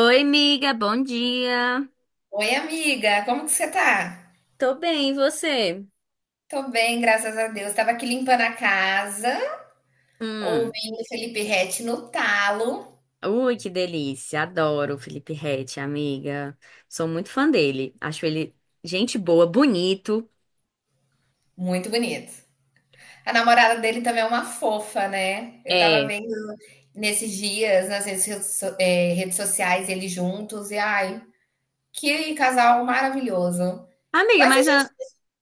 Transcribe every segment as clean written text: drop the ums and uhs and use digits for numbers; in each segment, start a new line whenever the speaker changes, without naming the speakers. Oi, amiga, bom dia.
Oi, amiga, como que você tá?
Tô bem, e você?
Tô bem, graças a Deus. Tava aqui limpando a casa,
Hum,
ouvindo Felipe Ret no talo.
ui, que delícia. Adoro o Felipe Ret, amiga. Sou muito fã dele. Acho ele gente boa, bonito.
Muito bonito. A namorada dele também é uma fofa, né? Eu tava
É.
vendo nesses dias nas redes, redes sociais eles juntos e ai, que casal maravilhoso.
Amiga,
Mas a
mas
gente
ah,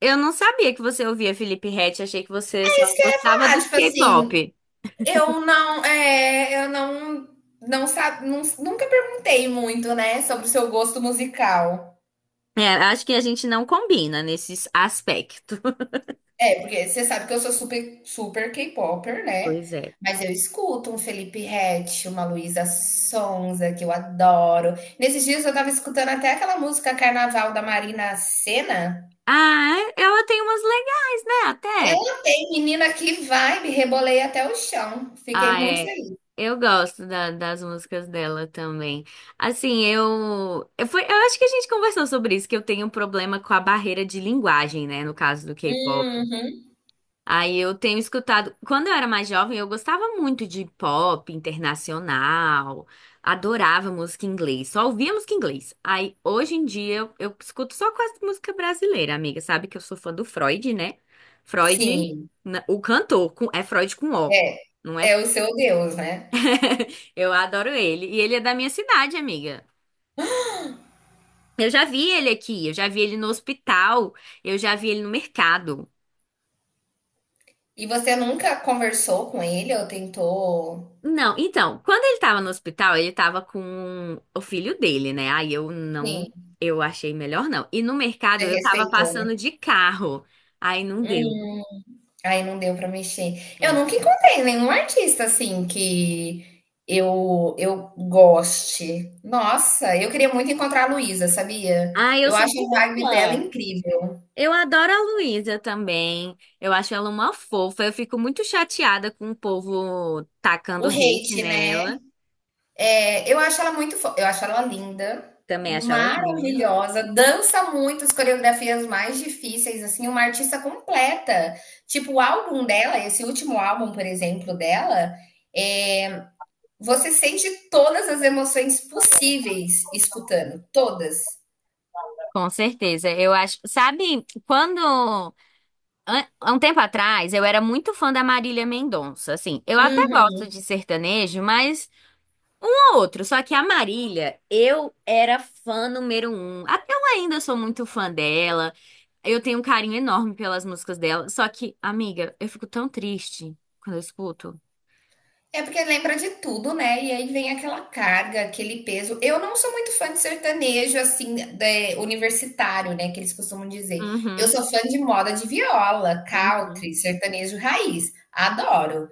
eu não sabia que você ouvia Felipe Ret. Achei que você
é
só
isso que eu ia
gostava do
falar, tipo assim,
K-pop.
eu não, não sabe, nunca perguntei muito, né, sobre o seu gosto musical.
É, acho que a gente não combina nesse aspecto.
É, porque você sabe que eu sou super K-popper, né,
Pois é.
mas eu escuto um Felipe Ret, uma Luísa Sonza, que eu adoro. Nesses dias eu tava escutando até aquela música Carnaval da Marina Sena.
Ah, ela tem umas legais, né? Até.
Ei, menina, que vibe, rebolei até o chão. Fiquei
Ah,
muito
é.
feliz.
Eu gosto das músicas dela também. Assim, eu acho que a gente conversou sobre isso, que eu tenho um problema com a barreira de linguagem, né, no caso do K-pop.
Uhum.
Aí eu tenho escutado, quando eu era mais jovem, eu gostava muito de pop internacional, adorava música em inglês, só ouvia música em inglês. Aí hoje em dia eu escuto só quase música brasileira, amiga, sabe que eu sou fã do Freud, né? Freud,
Sim,
o cantor, é Freud com O.
é,
Não é.
é o seu Deus, né.
Eu adoro ele. E ele é da minha cidade, amiga. Eu já vi ele aqui, eu já vi ele no hospital, eu já vi ele no mercado.
E você nunca conversou com ele ou tentou?
Não, então, quando ele tava no hospital, ele tava com o filho dele, né? Aí eu não,
Sim,
eu achei melhor não. E no
você
mercado eu tava
respeitou, né?
passando de carro. Aí não deu.
Hum. Aí não deu pra mexer. Eu
É.
nunca encontrei nenhum artista assim que eu goste. Nossa, eu queria muito encontrar a Luísa, sabia?
Ah, eu
Eu
sou
acho a
muito
vibe dela
fã.
incrível.
Eu adoro a Luísa também. Eu acho ela uma fofa. Eu fico muito chateada com o povo tacando
O
hate
hate,
nela.
né? É, eu acho ela muito, eu acho ela linda,
Também acho ela linda.
maravilhosa, dança muito as coreografias mais difíceis, assim, uma artista completa. Tipo, o álbum dela, esse último álbum, por exemplo, dela. é, Você sente todas as emoções possíveis escutando, todas.
Com certeza, eu acho. Sabe, quando. Há um tempo atrás, eu era muito fã da Marília Mendonça. Assim, eu até
Uhum.
gosto de sertanejo, mas não outro. Só que a Marília, eu era fã número um. Até eu ainda sou muito fã dela. Eu tenho um carinho enorme pelas músicas dela. Só que, amiga, eu fico tão triste quando eu escuto.
É porque lembra de tudo, né? E aí vem aquela carga, aquele peso. Eu não sou muito fã de sertanejo, assim, universitário, né? Que eles costumam dizer. Eu
Uhum,
sou fã de moda de viola,
uhum.
country, sertanejo raiz. Adoro.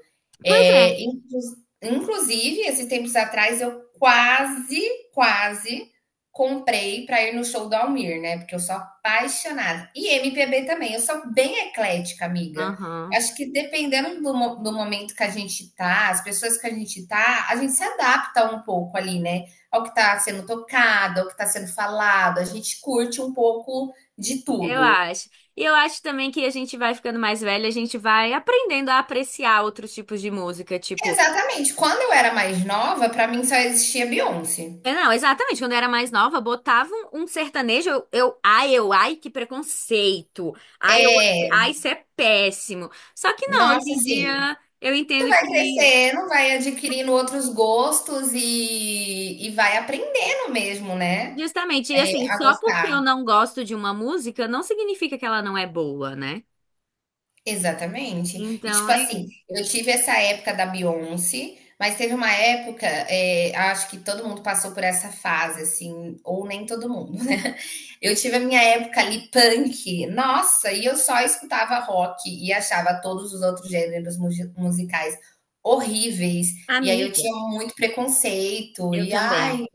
Pois é.
É, inclu- Inclusive, esses tempos atrás, eu quase comprei para ir no show do Almir, né? Porque eu sou apaixonada. E MPB também. Eu sou bem eclética, amiga.
Aham.
Acho que dependendo do momento que a gente tá, as pessoas que a gente tá, a gente se adapta um pouco ali, né? Ao que tá sendo tocado, ao que tá sendo falado, a gente curte um pouco de
Eu
tudo.
acho. E eu acho também que a gente vai ficando mais velha, a gente vai aprendendo a apreciar outros tipos de música, tipo.
Exatamente. Quando eu era mais nova, pra mim só existia Beyoncé.
É, não, exatamente. Quando eu era mais nova, botava um sertanejo, que preconceito. Ai, eu,
É,
isso é péssimo. Só que não, hoje
nossa,
em
assim,
dia eu entendo
vai
que,
crescendo, vai adquirindo outros gostos e vai aprendendo mesmo, né?
justamente, e
É,
assim,
a
só porque
gostar.
eu não gosto de uma música, não significa que ela não é boa, né?
Exatamente. E,
Então,
tipo
é.
assim,
Isso.
eu tive essa época da Beyoncé, mas teve uma época, acho que todo mundo passou por essa fase, assim, ou nem todo mundo, né. Eu tive a minha época ali punk, nossa, e eu só escutava rock e achava todos os outros gêneros mugi musicais horríveis, e aí eu
Amiga,
tinha muito preconceito
eu
e
também.
ai,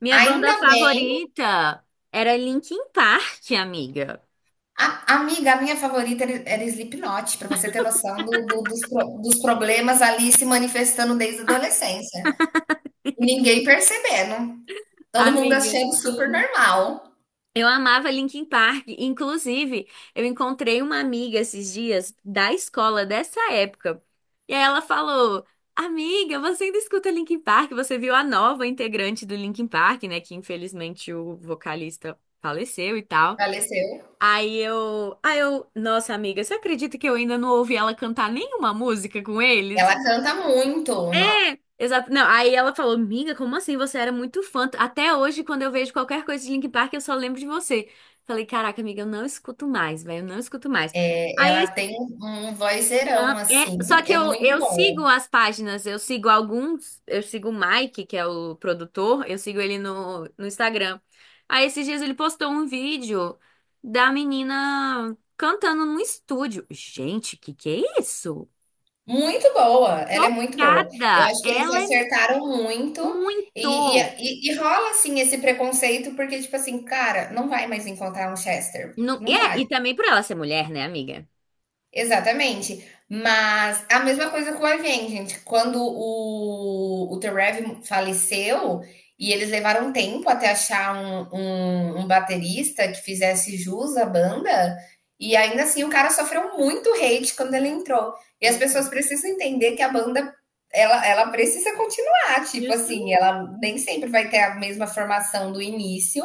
Minha banda
ainda bem.
favorita era Linkin Park, amiga.
A amiga, a minha favorita era Slipknot, para você ter noção do do dos pro dos problemas ali se manifestando desde a adolescência. Ninguém percebendo. Todo mundo
Amiga,
achando super
sim.
normal.
Eu amava Linkin Park. Inclusive, eu encontrei uma amiga esses dias da escola dessa época. E aí ela falou: "Amiga, você ainda escuta Linkin Park? Você viu a nova integrante do Linkin Park, né? Que infelizmente o vocalista faleceu e tal."
Faleceu.
Nossa amiga, você acredita que eu ainda não ouvi ela cantar nenhuma música com eles?
Ela canta muito, no
É, exato. Não, aí ela falou, amiga, como assim? Você era muito fã. Até hoje, quando eu vejo qualquer coisa de Linkin Park, eu só lembro de você. Falei, caraca, amiga, eu não escuto mais, velho, eu não escuto mais. Aí,
ela
esse
tem um vozeirão,
an- é,
assim,
só que
é
eu,
muito
eu
boa.
sigo as páginas, eu sigo alguns, eu sigo o Mike, que é o produtor, eu sigo ele no Instagram. Aí, esses dias ele postou um vídeo da menina cantando num estúdio. Gente, que é isso?
Muito boa, ela é muito boa. Eu
Chocada!
acho que eles
Ela é
acertaram muito e
muito.
rola, assim, esse preconceito, porque, tipo assim, cara, não vai mais encontrar um Chester,
Não, e
não
é,
vai.
e também por ela ser mulher, né, amiga?
Exatamente. Mas a mesma coisa com o Avenged, gente. Quando o The faleceu e eles levaram um tempo até achar um baterista que fizesse jus à banda, e ainda assim o cara sofreu muito hate quando ele entrou. E as pessoas
Uhum.
precisam entender que a banda ela precisa continuar, tipo assim,
Justamente.
ela nem sempre vai ter a mesma formação do início,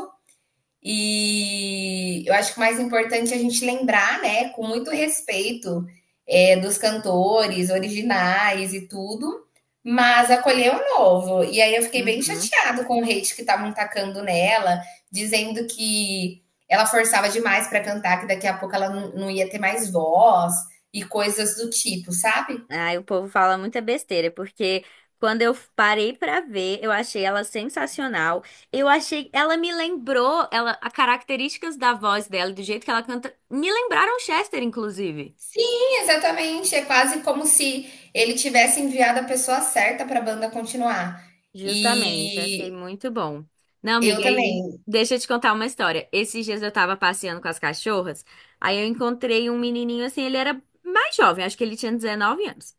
e eu acho que o mais importante é a gente lembrar, né, com muito respeito, é, dos cantores originais e tudo, mas acolher o novo. E aí eu fiquei bem
Uhum.
chateado com o hate que estavam tacando nela, dizendo que ela forçava demais para cantar, que daqui a pouco ela não ia ter mais voz e coisas do tipo, sabe?
Ai, o povo fala muita besteira, porque quando eu parei pra ver, eu achei ela sensacional. Eu achei, ela me lembrou, ela, as características da voz dela, e do jeito que ela canta, me lembraram Chester, inclusive.
Sim, exatamente. É quase como se ele tivesse enviado a pessoa certa para a banda continuar.
Justamente, achei
E
muito bom. Não,
eu
amiga, aí,
também.
deixa eu te contar uma história. Esses dias eu tava passeando com as cachorras, aí eu encontrei um menininho assim, ele era mais jovem, acho que ele tinha 19 anos.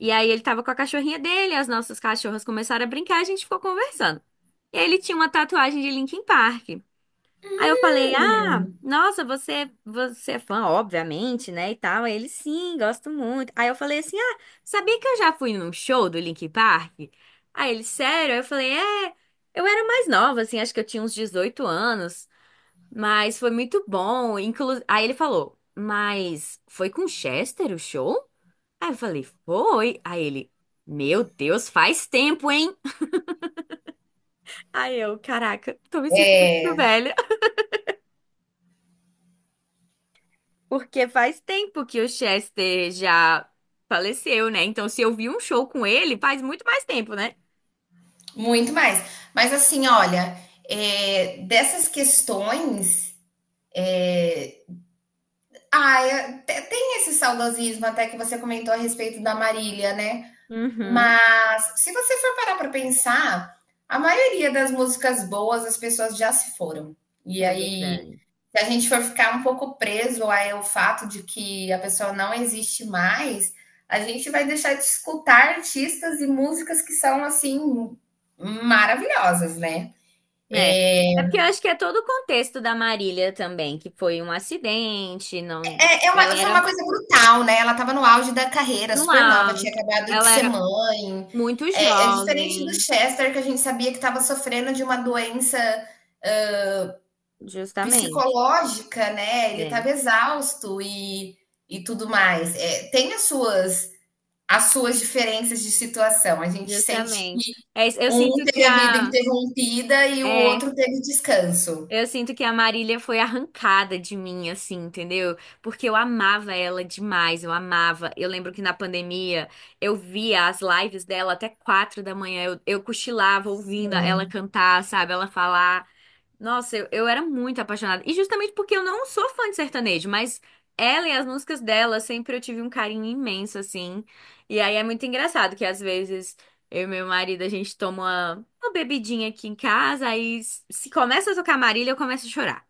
E aí ele tava com a cachorrinha dele, as nossas cachorras começaram a brincar, a gente ficou conversando. E aí ele tinha uma tatuagem de Linkin Park. Aí eu falei: "Ah,
Hum.
nossa, você é fã, obviamente, né?" E tal. Aí ele: "Sim, gosto muito". Aí eu falei assim: "Ah, sabia que eu já fui num show do Linkin Park?" Aí ele: "Sério?" Aí eu falei: "É, eu era mais nova, assim, acho que eu tinha uns 18 anos. Mas foi muito bom. Aí ele falou, mas foi com Chester o show? Aí eu falei, foi. Aí ele, meu Deus, faz tempo, hein? Aí eu, caraca, tô me sentindo muito
É,
velha. Porque faz tempo que o Chester já faleceu, né? Então, se eu vi um show com ele, faz muito mais tempo, né?
muito mais. Mas assim, olha, é, dessas questões. é, Tem esse saudosismo até que você comentou a respeito da Marília, né?
Uhum.
Mas se você for parar para pensar, a maioria das músicas boas as pessoas já se foram. E
É
aí.
verdade.
Se a gente for ficar um pouco preso ao fato de que a pessoa não existe mais, a gente vai deixar de escutar artistas e músicas que são assim maravilhosas, né?
É.
É,
É porque eu acho que é todo o contexto da Marília também, que foi um acidente, não, ela
foi uma
era
coisa brutal, né? Ela estava no auge da carreira,
no
super nova,
ar,
tinha acabado de
ela
ser
era
mãe.
muito
É, é diferente do
jovem,
Chester, que a gente sabia que estava sofrendo de uma doença
justamente,
psicológica, né? Ele
né?
estava exausto e tudo mais. É, tem as suas diferenças de situação. A gente sente
Justamente.
que
É, isso,
um teve a vida interrompida e o
é,
outro teve descanso.
eu sinto que a Marília foi arrancada de mim, assim, entendeu? Porque eu amava ela demais, eu amava. Eu lembro que na pandemia eu via as lives dela até quatro da manhã, eu cochilava ouvindo ela
Sim.
cantar, sabe? Ela falar. Nossa, eu era muito apaixonada. E justamente porque eu não sou fã de sertanejo, mas ela e as músicas dela sempre eu tive um carinho imenso, assim. E aí é muito engraçado que às vezes eu e meu marido a gente toma uma bebidinha aqui em casa, aí se começa a tocar Marília, eu começo a chorar.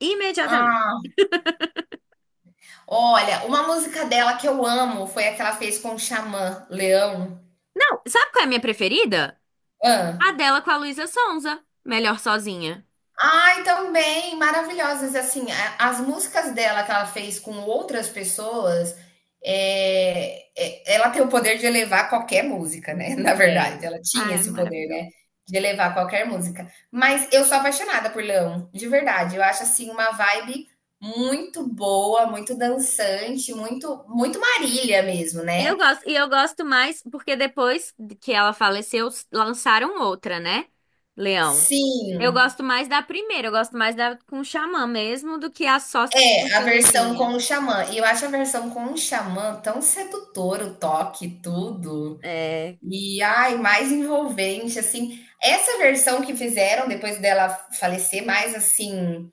Imediatamente.
Ah, olha, uma música dela que eu amo foi a que ela fez com o Xamã, Leão.
Não, sabe qual é a minha preferida?
Ah,
A dela com a Luísa Sonza. Melhor sozinha.
ai, também, maravilhosas. Assim, as músicas dela que ela fez com outras pessoas, ela tem o poder de elevar qualquer música, né? Na
É.
verdade, ela tinha
Ah, é
esse poder,
maravilhoso.
né? De elevar qualquer música. Mas eu sou apaixonada por Leão, de verdade. Eu acho assim uma vibe muito boa, muito dançante, muito, muito Marília mesmo,
Eu
né?
gosto, e eu gosto mais porque depois que ela faleceu, lançaram outra, né? Leão. Eu
Sim,
gosto mais da primeira, eu gosto mais da com o Xamã mesmo do que a só
é a versão
sertanejinha.
com o Xamã. E eu acho a versão com o Xamã tão sedutora, o toque, tudo.
É,
E ai, mais envolvente, assim. Essa versão que fizeram depois dela falecer, mais assim.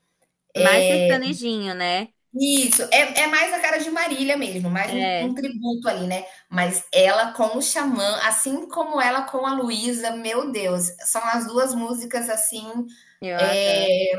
mais sertanejinho, né?
Isso, é, é mais a cara de Marília mesmo, mais um,
É,
um tributo ali, né? Mas ela com o Xamã, assim como ela com a Luísa, meu Deus, são as duas músicas assim.
eu adoro.
É,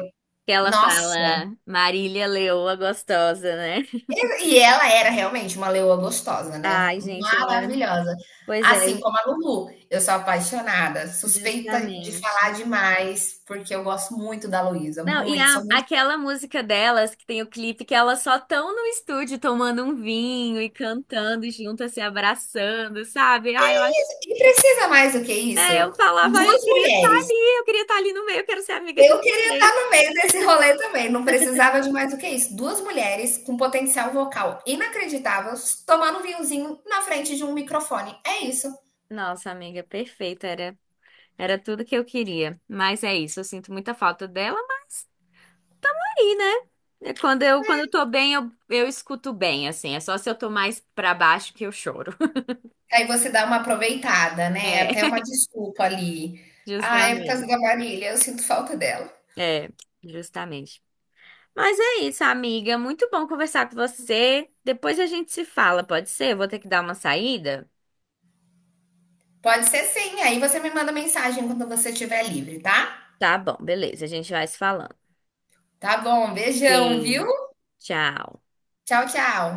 Que ela fala
Nossa,
Marília Leoa gostosa, né?
e ela era realmente uma leoa gostosa, né?
Ai, gente, olha.
Maravilhosa.
Pois é,
Assim como a Lulu, eu sou apaixonada, suspeita de
justamente.
falar demais, porque eu gosto muito da Luísa,
Não,
muito, sou muito.
aquela música delas, que tem o clipe, que elas só estão no estúdio tomando um vinho e cantando juntas, se abraçando, sabe? Ah, eu acho.
E precisa mais do que
É,
isso?
eu falava, "Ah,
Duas mulheres.
eu queria estar ali no meio, eu quero ser amiga de
Eu queria
vocês.
estar no meio desse rolê também, não precisava de mais do que isso. Duas mulheres com potencial vocal inacreditável, tomando um vinhozinho na frente de um microfone. É isso.
Nossa, amiga, perfeita, era tudo que eu queria." Mas é isso, eu sinto muita falta dela, mas tá aí, né? É. Quando eu tô bem, eu escuto bem, assim. É só se eu tô mais pra baixo que eu choro.
Aí você dá uma aproveitada, né,
É,
até uma desculpa ali. "Ah, é por causa
justamente.
da Marília, eu sinto falta dela".
É, justamente. Mas é isso, amiga. Muito bom conversar com você. Depois a gente se fala, pode ser? Eu vou ter que dar uma saída.
Pode ser sim, aí você me manda mensagem quando você estiver livre, tá?
Tá bom, beleza. A gente vai se falando.
Tá bom, beijão, viu?
Beijo, tchau.
Tchau, tchau.